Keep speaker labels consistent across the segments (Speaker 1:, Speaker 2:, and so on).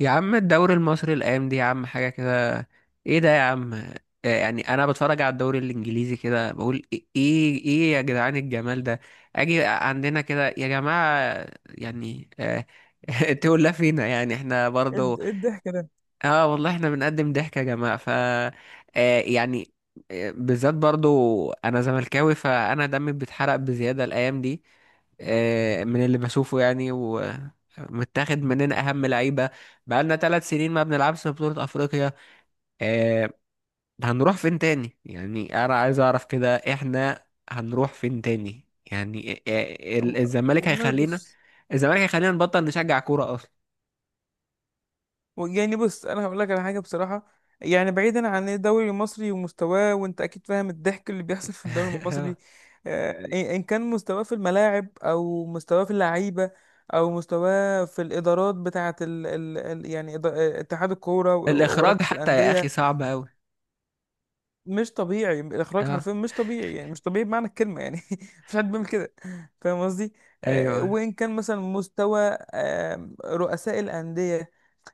Speaker 1: يا عم الدوري المصري الايام دي يا عم حاجه كده. ايه ده يا عم؟ يعني انا بتفرج على الدوري الانجليزي كده بقول ايه إيه يا جدعان الجمال ده. اجي عندنا كده يا جماعه يعني تقول لا فينا يعني احنا برضو.
Speaker 2: إيه الضحك ده؟
Speaker 1: اه والله احنا بنقدم ضحك يا جماعة ف آه يعني آه، بالذات برضو انا زملكاوي فانا دمي بيتحرق بزيادة الايام دي. من اللي بشوفه يعني ومتاخد مننا اهم لعيبة. بقالنا 3 سنين ما بنلعبش في بطولة افريقيا. آه، هنروح فين تاني؟ يعني انا عايز اعرف كده، احنا هنروح فين تاني؟ يعني الزمالك
Speaker 2: والله
Speaker 1: هيخلينا،
Speaker 2: بص.
Speaker 1: الزمالك هيخلينا نبطل نشجع كورة اصلا.
Speaker 2: يعني بص، انا هقول لك على حاجه بصراحه. يعني بعيدا عن الدوري المصري ومستواه، وانت اكيد فاهم الضحك اللي بيحصل في الدوري المصري.
Speaker 1: آه.
Speaker 2: ان كان مستواه في الملاعب او مستواه في اللعيبه، او مستواه في الادارات بتاعه ال يعني اتحاد الكوره
Speaker 1: الاخراج
Speaker 2: ورابطه
Speaker 1: حتى يا اخي
Speaker 2: الانديه.
Speaker 1: صعب قوي.
Speaker 2: مش طبيعي الاخراج، حرفيا مش طبيعي، يعني مش طبيعي بمعنى الكلمه، يعني مفيش حد بيعمل كده. فاهم قصدي؟
Speaker 1: ايوه.
Speaker 2: وان كان مثلا مستوى رؤساء الانديه.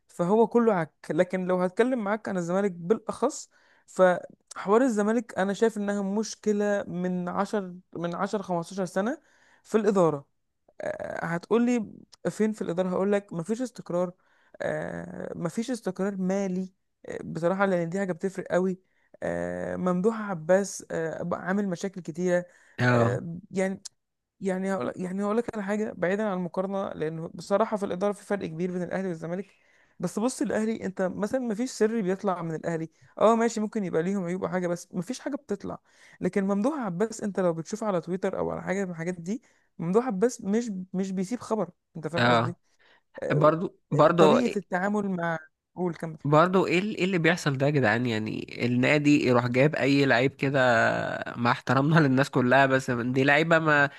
Speaker 2: فهو كله عك، لكن لو هتكلم معاك عن الزمالك بالاخص، فحوار الزمالك انا شايف انها مشكله من 10، من 10 15 سنه في الاداره. هتقولي فين؟ في الإدارة. هقولك مفيش استقرار. مفيش استقرار مالي، بصراحة لأن دي حاجة بتفرق قوي. ممدوح عباس بقى عامل مشاكل كتيرة.
Speaker 1: اه
Speaker 2: يعني... هقول لك على حاجه بعيدا عن المقارنه، لانه بصراحه في الاداره في فرق كبير بين الاهلي والزمالك. بس بص، الاهلي انت مثلا ما فيش سر بيطلع من الاهلي. اه ماشي، ممكن يبقى ليهم عيوب او حاجه، بس ما فيش حاجه بتطلع. لكن ممدوح عباس، انت لو بتشوف على تويتر او على حاجه من الحاجات دي، ممدوح عباس مش بيسيب خبر. انت فاهم
Speaker 1: اه.
Speaker 2: قصدي؟ آه،
Speaker 1: برضو، برضو،
Speaker 2: طريقه التعامل مع... قول كمل.
Speaker 1: برضو ايه اللي بيحصل ده يا جدعان؟ يعني النادي يروح جايب اي لعيب كده مع احترامنا للناس كلها، بس دي لعيبه ما.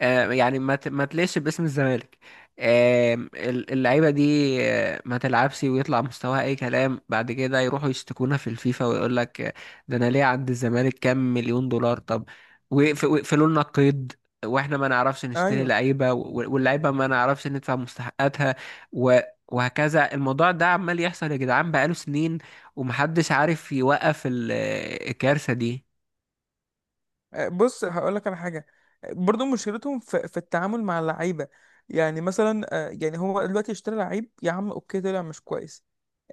Speaker 1: يعني ما تليش باسم الزمالك. اللعيبه دي ما تلعبش ويطلع مستواها اي كلام، بعد كده يروحوا يشتكونا في الفيفا ويقول لك ده انا ليه عند الزمالك كام مليون دولار؟ طب ويقفلوا لنا القيد، واحنا ما نعرفش نشتري
Speaker 2: ايوه.
Speaker 1: لعيبه واللعيبه ما نعرفش ندفع مستحقاتها. و- وهكذا الموضوع ده عمال يحصل يا جدعان بقاله سنين، ومحدش عارف يوقف الكارثه دي.
Speaker 2: بص هقول لك على حاجه. برضو مشكلتهم في التعامل مع اللعيبه. يعني مثلا يعني هو دلوقتي اشترى لعيب، يا عم اوكي طلع مش كويس.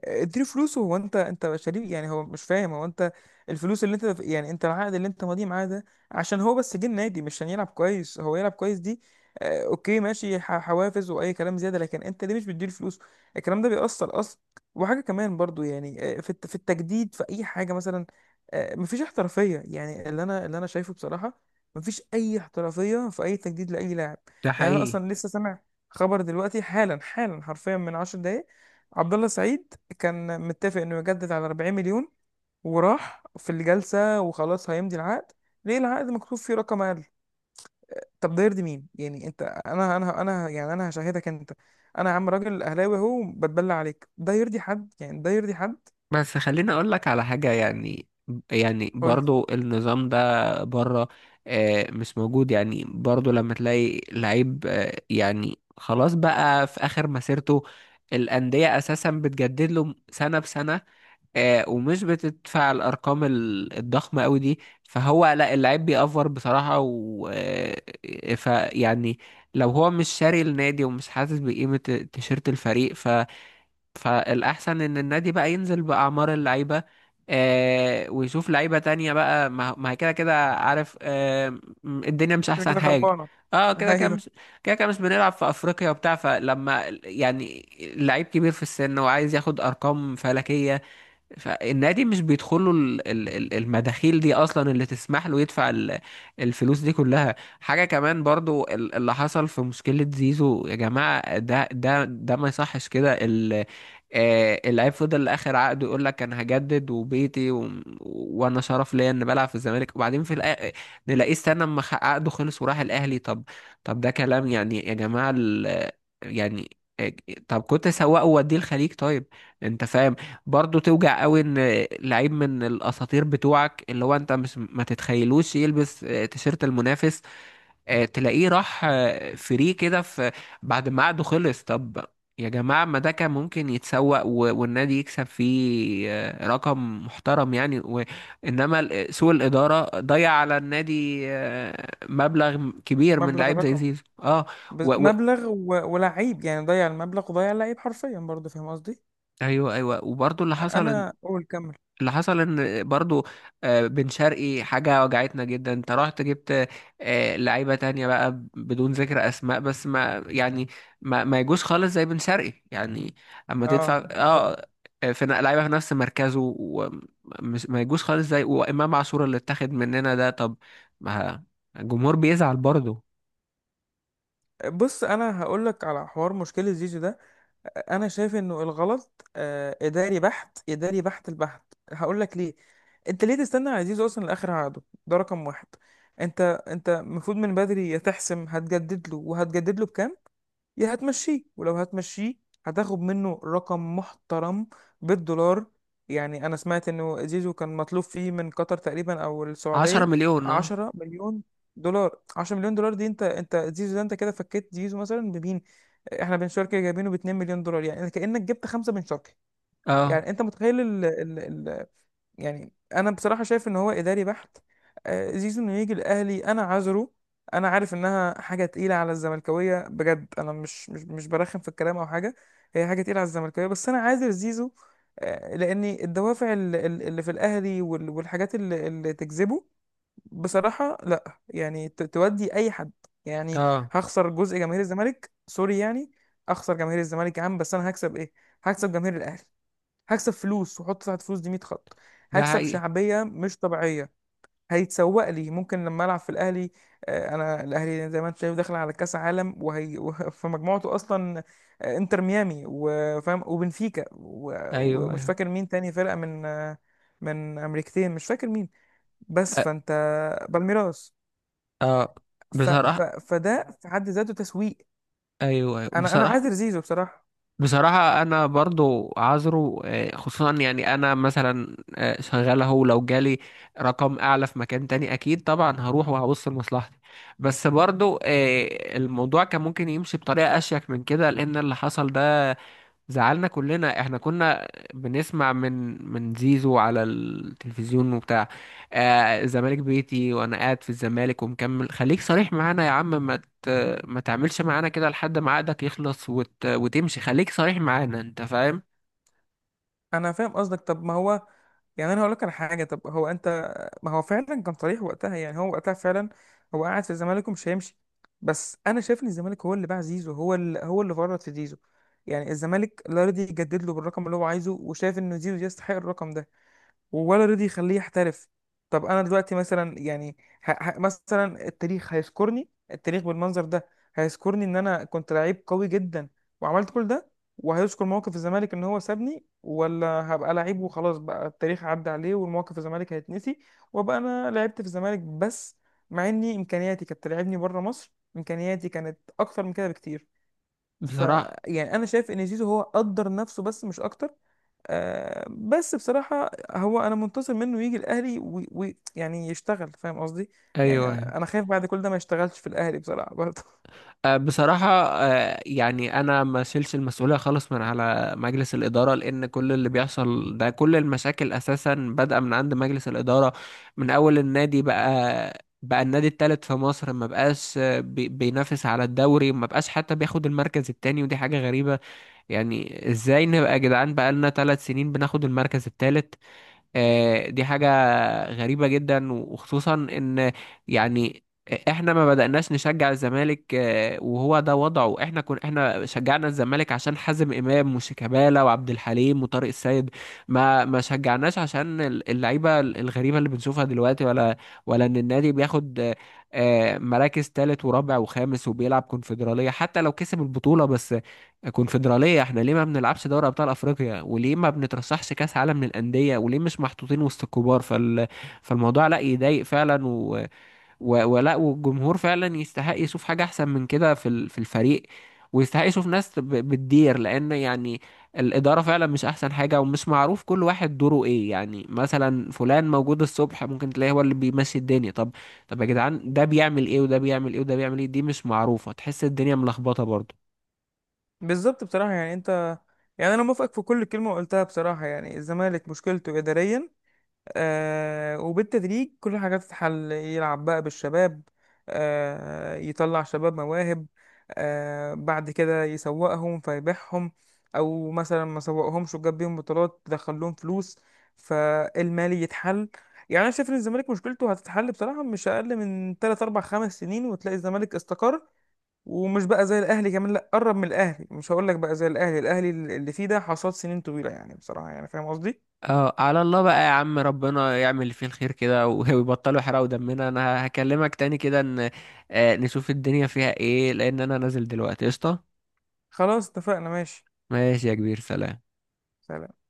Speaker 2: اديله فلوسه، هو انت شريك، يعني هو مش فاهم. هو انت... الفلوس اللي انت، يعني انت العقد اللي انت ماضيه معاه ده، عشان هو بس جه النادي مش عشان يلعب كويس. هو يلعب كويس دي اوكي ماشي، حوافز واي كلام زياده، لكن انت ليه مش بتديله فلوس؟ الكلام ده بيأثر اصلا. وحاجه كمان برضو يعني، في التجديد، في اي حاجه مثلا. مفيش احترافيه، يعني اللي انا شايفه بصراحه. مفيش اي احترافيه في اي تجديد لاي لاعب.
Speaker 1: ده
Speaker 2: يعني انا
Speaker 1: حقيقي.
Speaker 2: اصلا لسه سامع خبر دلوقتي، حالا حالا حرفيا من 10 دقايق. عبد الله السعيد كان متفق انه يجدد على 40 مليون، وراح في الجلسه وخلاص هيمضي العقد. ليه العقد مكتوب فيه رقم اقل؟ طب ده يرضي مين يعني؟ انت انا هشاهدك انت. انا يا عم راجل اهلاوي اهو، بتبلى عليك. ده يرضي حد يعني؟ ده يرضي حد؟
Speaker 1: بس خليني اقول لك على حاجة، يعني يعني
Speaker 2: قول لي.
Speaker 1: برضو النظام ده بره مش موجود. يعني برضو لما تلاقي لعيب يعني خلاص بقى في اخر مسيرته، الأندية اساسا بتجدد له سنة بسنة ومش بتدفع الارقام الضخمة قوي دي، فهو لا اللعيب بيأفور بصراحة و آه، فيعني لو هو مش شاري النادي ومش حاسس بقيمة تيشيرت الفريق، فالأحسن إن النادي بقى ينزل بأعمار اللعيبة. آه، ويشوف لعيبة تانية بقى، ما هي كده كده، عارف؟ آه الدنيا مش
Speaker 2: كده
Speaker 1: أحسن
Speaker 2: كده
Speaker 1: حاجة.
Speaker 2: خربانه.
Speaker 1: اه، كده كده مش،
Speaker 2: ايوه.
Speaker 1: كده كده مش بنلعب في أفريقيا وبتاع. فلما يعني لعيب كبير في السن وعايز ياخد أرقام فلكية، فالنادي مش بيدخل له المداخيل دي اصلا اللي تسمح له يدفع الفلوس دي كلها. حاجه كمان برضو اللي حصل في مشكله زيزو يا جماعه، ده ما يصحش كده. اللعيب فضل لاخر عقده يقول لك انا هجدد وبيتي وانا شرف ليا ان بلعب في الزمالك، وبعدين في نلاقيه استنى اما عقده خلص وراح الاهلي. طب، طب ده كلام يعني يا جماعه ال... يعني آه، طب كنت سواقه ووديه الخليج، طيب. انت فاهم؟ برضه توجع قوي ان لعيب من الاساطير بتوعك اللي هو انت مش ما تتخيلوش يلبس تيشيرت المنافس، تلاقيه راح فري كده في بعد ما عقده خلص. طب يا جماعة، ما ده كان ممكن يتسوق والنادي يكسب فيه رقم محترم يعني. انما سوء الإدارة ضيع على النادي مبلغ كبير من
Speaker 2: مبلغ
Speaker 1: لعيب زي
Speaker 2: الرقم،
Speaker 1: زيزو. اه.
Speaker 2: بس
Speaker 1: و... و...
Speaker 2: مبلغ ولعيب، يعني ضيع المبلغ وضيع اللعيب حرفيا برضه. فاهم قصدي؟
Speaker 1: ايوه، ايوه، وبرضه اللي حصل،
Speaker 2: قول كمل.
Speaker 1: اللي حصل ان برضو بن شرقي حاجة وجعتنا جدا، انت رحت جبت لعيبة تانية بقى بدون ذكر اسماء، بس ما يعني ما يجوش خالص زي بن شرقي يعني، اما تدفع.
Speaker 2: اه بالظبط.
Speaker 1: اه، لعيبة في نفس مركزه ومش ما يجوش خالص، زي وامام عاشور اللي اتاخد مننا ده. طب ما الجمهور بيزعل برضو.
Speaker 2: بص انا هقول لك على حوار مشكله زيزو ده. انا شايف انه الغلط اداري بحت، اداري بحت البحت. هقول لك ليه. انت ليه تستنى عزيز اصلا لاخر عقده؟ ده رقم واحد. انت انت المفروض من بدري، يا تحسم هتجدد له وهتجدد له بكام، يا هتمشيه. ولو هتمشيه هتاخد منه رقم محترم بالدولار. يعني انا سمعت انه زيزو كان مطلوب فيه من قطر تقريبا او
Speaker 1: عشرة
Speaker 2: السعودية
Speaker 1: مليون اه.
Speaker 2: 10 مليون دولار. 10 مليون دولار دي، انت انت زيزو ده، انت كده فكيت زيزو مثلا بمين؟ احنا بن شرقي جايبينه ب 2 مليون دولار، يعني كأنك جبت 5 بن شرقي.
Speaker 1: اه.
Speaker 2: يعني انت متخيل ال يعني انا بصراحة شايف ان هو اداري بحت. زيزو انه يجي الاهلي، انا عذره. انا عارف انها حاجة تقيلة على الزملكاوية بجد، انا مش برخم في الكلام او حاجة. هي حاجة تقيلة على الزملكاوية، بس انا عاذر زيزو. لان الدوافع اللي في الاهلي والحاجات اللي تجذبه، بصراحة لا يعني تودي أي حد يعني.
Speaker 1: اه.
Speaker 2: هخسر جزء جماهير الزمالك، سوري يعني. أخسر جماهير الزمالك يا عم، بس أنا هكسب إيه؟ هكسب جماهير الأهلي. هكسب فلوس، وحط تحت فلوس دي 100 خط.
Speaker 1: ده
Speaker 2: هكسب
Speaker 1: حقيقي.
Speaker 2: شعبية مش طبيعية. هيتسوق لي ممكن لما ألعب في الأهلي. أنا الأهلي زي ما أنت شايف داخل على كأس عالم، في مجموعته أصلا. إنتر ميامي وفاهم وبنفيكا
Speaker 1: ايوه،
Speaker 2: ومش
Speaker 1: ايوه.
Speaker 2: فاكر مين تاني فرقة من من أمريكتين، مش فاكر مين. بس
Speaker 1: اه.
Speaker 2: فأنت... بالميراس.
Speaker 1: آه. بصراحة.
Speaker 2: فده في حد ذاته تسويق.
Speaker 1: ايوه، ايوه،
Speaker 2: انا
Speaker 1: بصراحة.
Speaker 2: عاذر زيزو بصراحه.
Speaker 1: بصراحة أنا برضو عذره، خصوصا يعني أنا مثلا شغال أهو، لو جالي رقم أعلى في مكان تاني أكيد طبعا هروح وهبص لمصلحتي. بس برضو الموضوع كان ممكن يمشي بطريقة أشيك من كده، لأن اللي حصل ده زعلنا كلنا. احنا كنا بنسمع من، من زيزو على التلفزيون وبتاع، آه الزمالك بيتي وانا قاعد في الزمالك ومكمل. خليك صريح معانا يا عم، ت... ما تعملش معانا كده لحد ما عقدك يخلص وتمشي، خليك صريح معانا. انت فاهم؟
Speaker 2: انا فاهم قصدك. طب ما هو، يعني انا هقول لك على حاجه. طب هو انت... ما هو فعلا كان صريح وقتها، يعني هو وقتها فعلا هو قاعد في الزمالك ومش هيمشي. بس انا شايف ان الزمالك هو اللي باع زيزو، هو اللي فرط في زيزو. يعني الزمالك لا رضي يجدد له بالرقم اللي هو عايزه وشايف ان زيزو يستحق الرقم ده، ولا رضي يخليه يحترف. طب انا دلوقتي مثلا يعني، مثلا التاريخ هيذكرني، التاريخ بالمنظر ده. هيذكرني ان انا كنت لعيب قوي جدا وعملت كل ده، وهيذكر موقف الزمالك ان هو سابني. ولا هبقى لعيب وخلاص بقى، التاريخ عدى عليه والموقف الزمالك هيتنسي، وابقى انا لعبت في الزمالك بس، مع اني امكانياتي كانت تلعبني بره مصر، امكانياتي كانت اكتر من كده بكتير. ف
Speaker 1: بصراحة،
Speaker 2: يعني انا شايف ان زيزو هو قدر نفسه بس مش اكتر. بس بصراحة هو أنا منتظر منه يجي الأهلي، ويعني يشتغل. فاهم قصدي؟ يعني
Speaker 1: ايوه.
Speaker 2: أنا خايف بعد كل ده ما يشتغلش في الأهلي بصراحة برضه.
Speaker 1: بصراحة يعني أنا ما شيلش المسؤولية خالص من على مجلس الإدارة، لأن كل اللي بيحصل ده كل المشاكل أساسا بادئة من عند مجلس الإدارة. من أول النادي بقى، النادي التالت في مصر ما بقاش بينافس على الدوري، ما بقاش حتى بياخد المركز التاني ودي حاجة غريبة. يعني إزاي نبقى يا جدعان بقى لنا 3 سنين بناخد المركز التالت؟ دي حاجة غريبة جدا، وخصوصا ان يعني احنا ما بدأناش نشجع الزمالك وهو ده وضعه. احنا شجعنا الزمالك عشان حازم امام وشيكابالا وعبد الحليم وطارق السيد، ما شجعناش عشان اللعيبة الغريبة اللي بنشوفها دلوقتي، ولا ان النادي بياخد مراكز تالت ورابع وخامس وبيلعب كونفدرالية حتى لو كسب البطولة. بس كونفدرالية؟ احنا ليه ما بنلعبش دوري ابطال افريقيا؟ وليه ما بنترشحش كاس عالم للاندية؟ وليه مش محطوطين وسط الكبار؟ فالموضوع لا يضايق فعلا و... و... ولا والجمهور فعلا يستحق يشوف حاجة احسن من كده في في الفريق، ويستحق يشوف ناس بتدير، لان يعني الادارة فعلا مش احسن حاجة، ومش معروف كل واحد دوره ايه. يعني مثلا فلان موجود الصبح ممكن تلاقيه هو اللي بيمشي الدنيا. طب، طب يا جدعان، ده بيعمل ايه وده بيعمل ايه وده بيعمل ايه؟ دي مش معروفة، تحس الدنيا ملخبطة برضه.
Speaker 2: بالظبط بصراحة، يعني أنت... يعني أنا موافقك في كل كلمة قلتها بصراحة، يعني الزمالك مشكلته إداريا. وبالتدريج كل حاجة تتحل، يلعب بقى بالشباب، يطلع شباب مواهب، بعد كده يسوقهم فيبيعهم. أو مثلا ما سوقهمش وجاب بيهم بطولات دخلهم فلوس، فالمالي يتحل. يعني أنا شايف إن الزمالك مشكلته هتتحل بصراحة مش أقل من 3، 4، 5 سنين، وتلاقي الزمالك استقر، ومش بقى زي الأهلي. كمان لأ، قرب من الأهلي. مش هقول لك بقى زي الأهلي، الأهلي اللي فيه ده حصاد سنين طويلة يعني بصراحة. يعني فاهم قصدي؟
Speaker 1: اه، على الله بقى يا عم، ربنا يعمل اللي فيه الخير كده ويبطلوا يحرقوا دمنا. انا هكلمك تاني كده ان نشوف الدنيا فيها ايه، لان انا نازل دلوقتي قشطة.
Speaker 2: خلاص اتفقنا ماشي.
Speaker 1: ماشي يا كبير، سلام.
Speaker 2: سلام.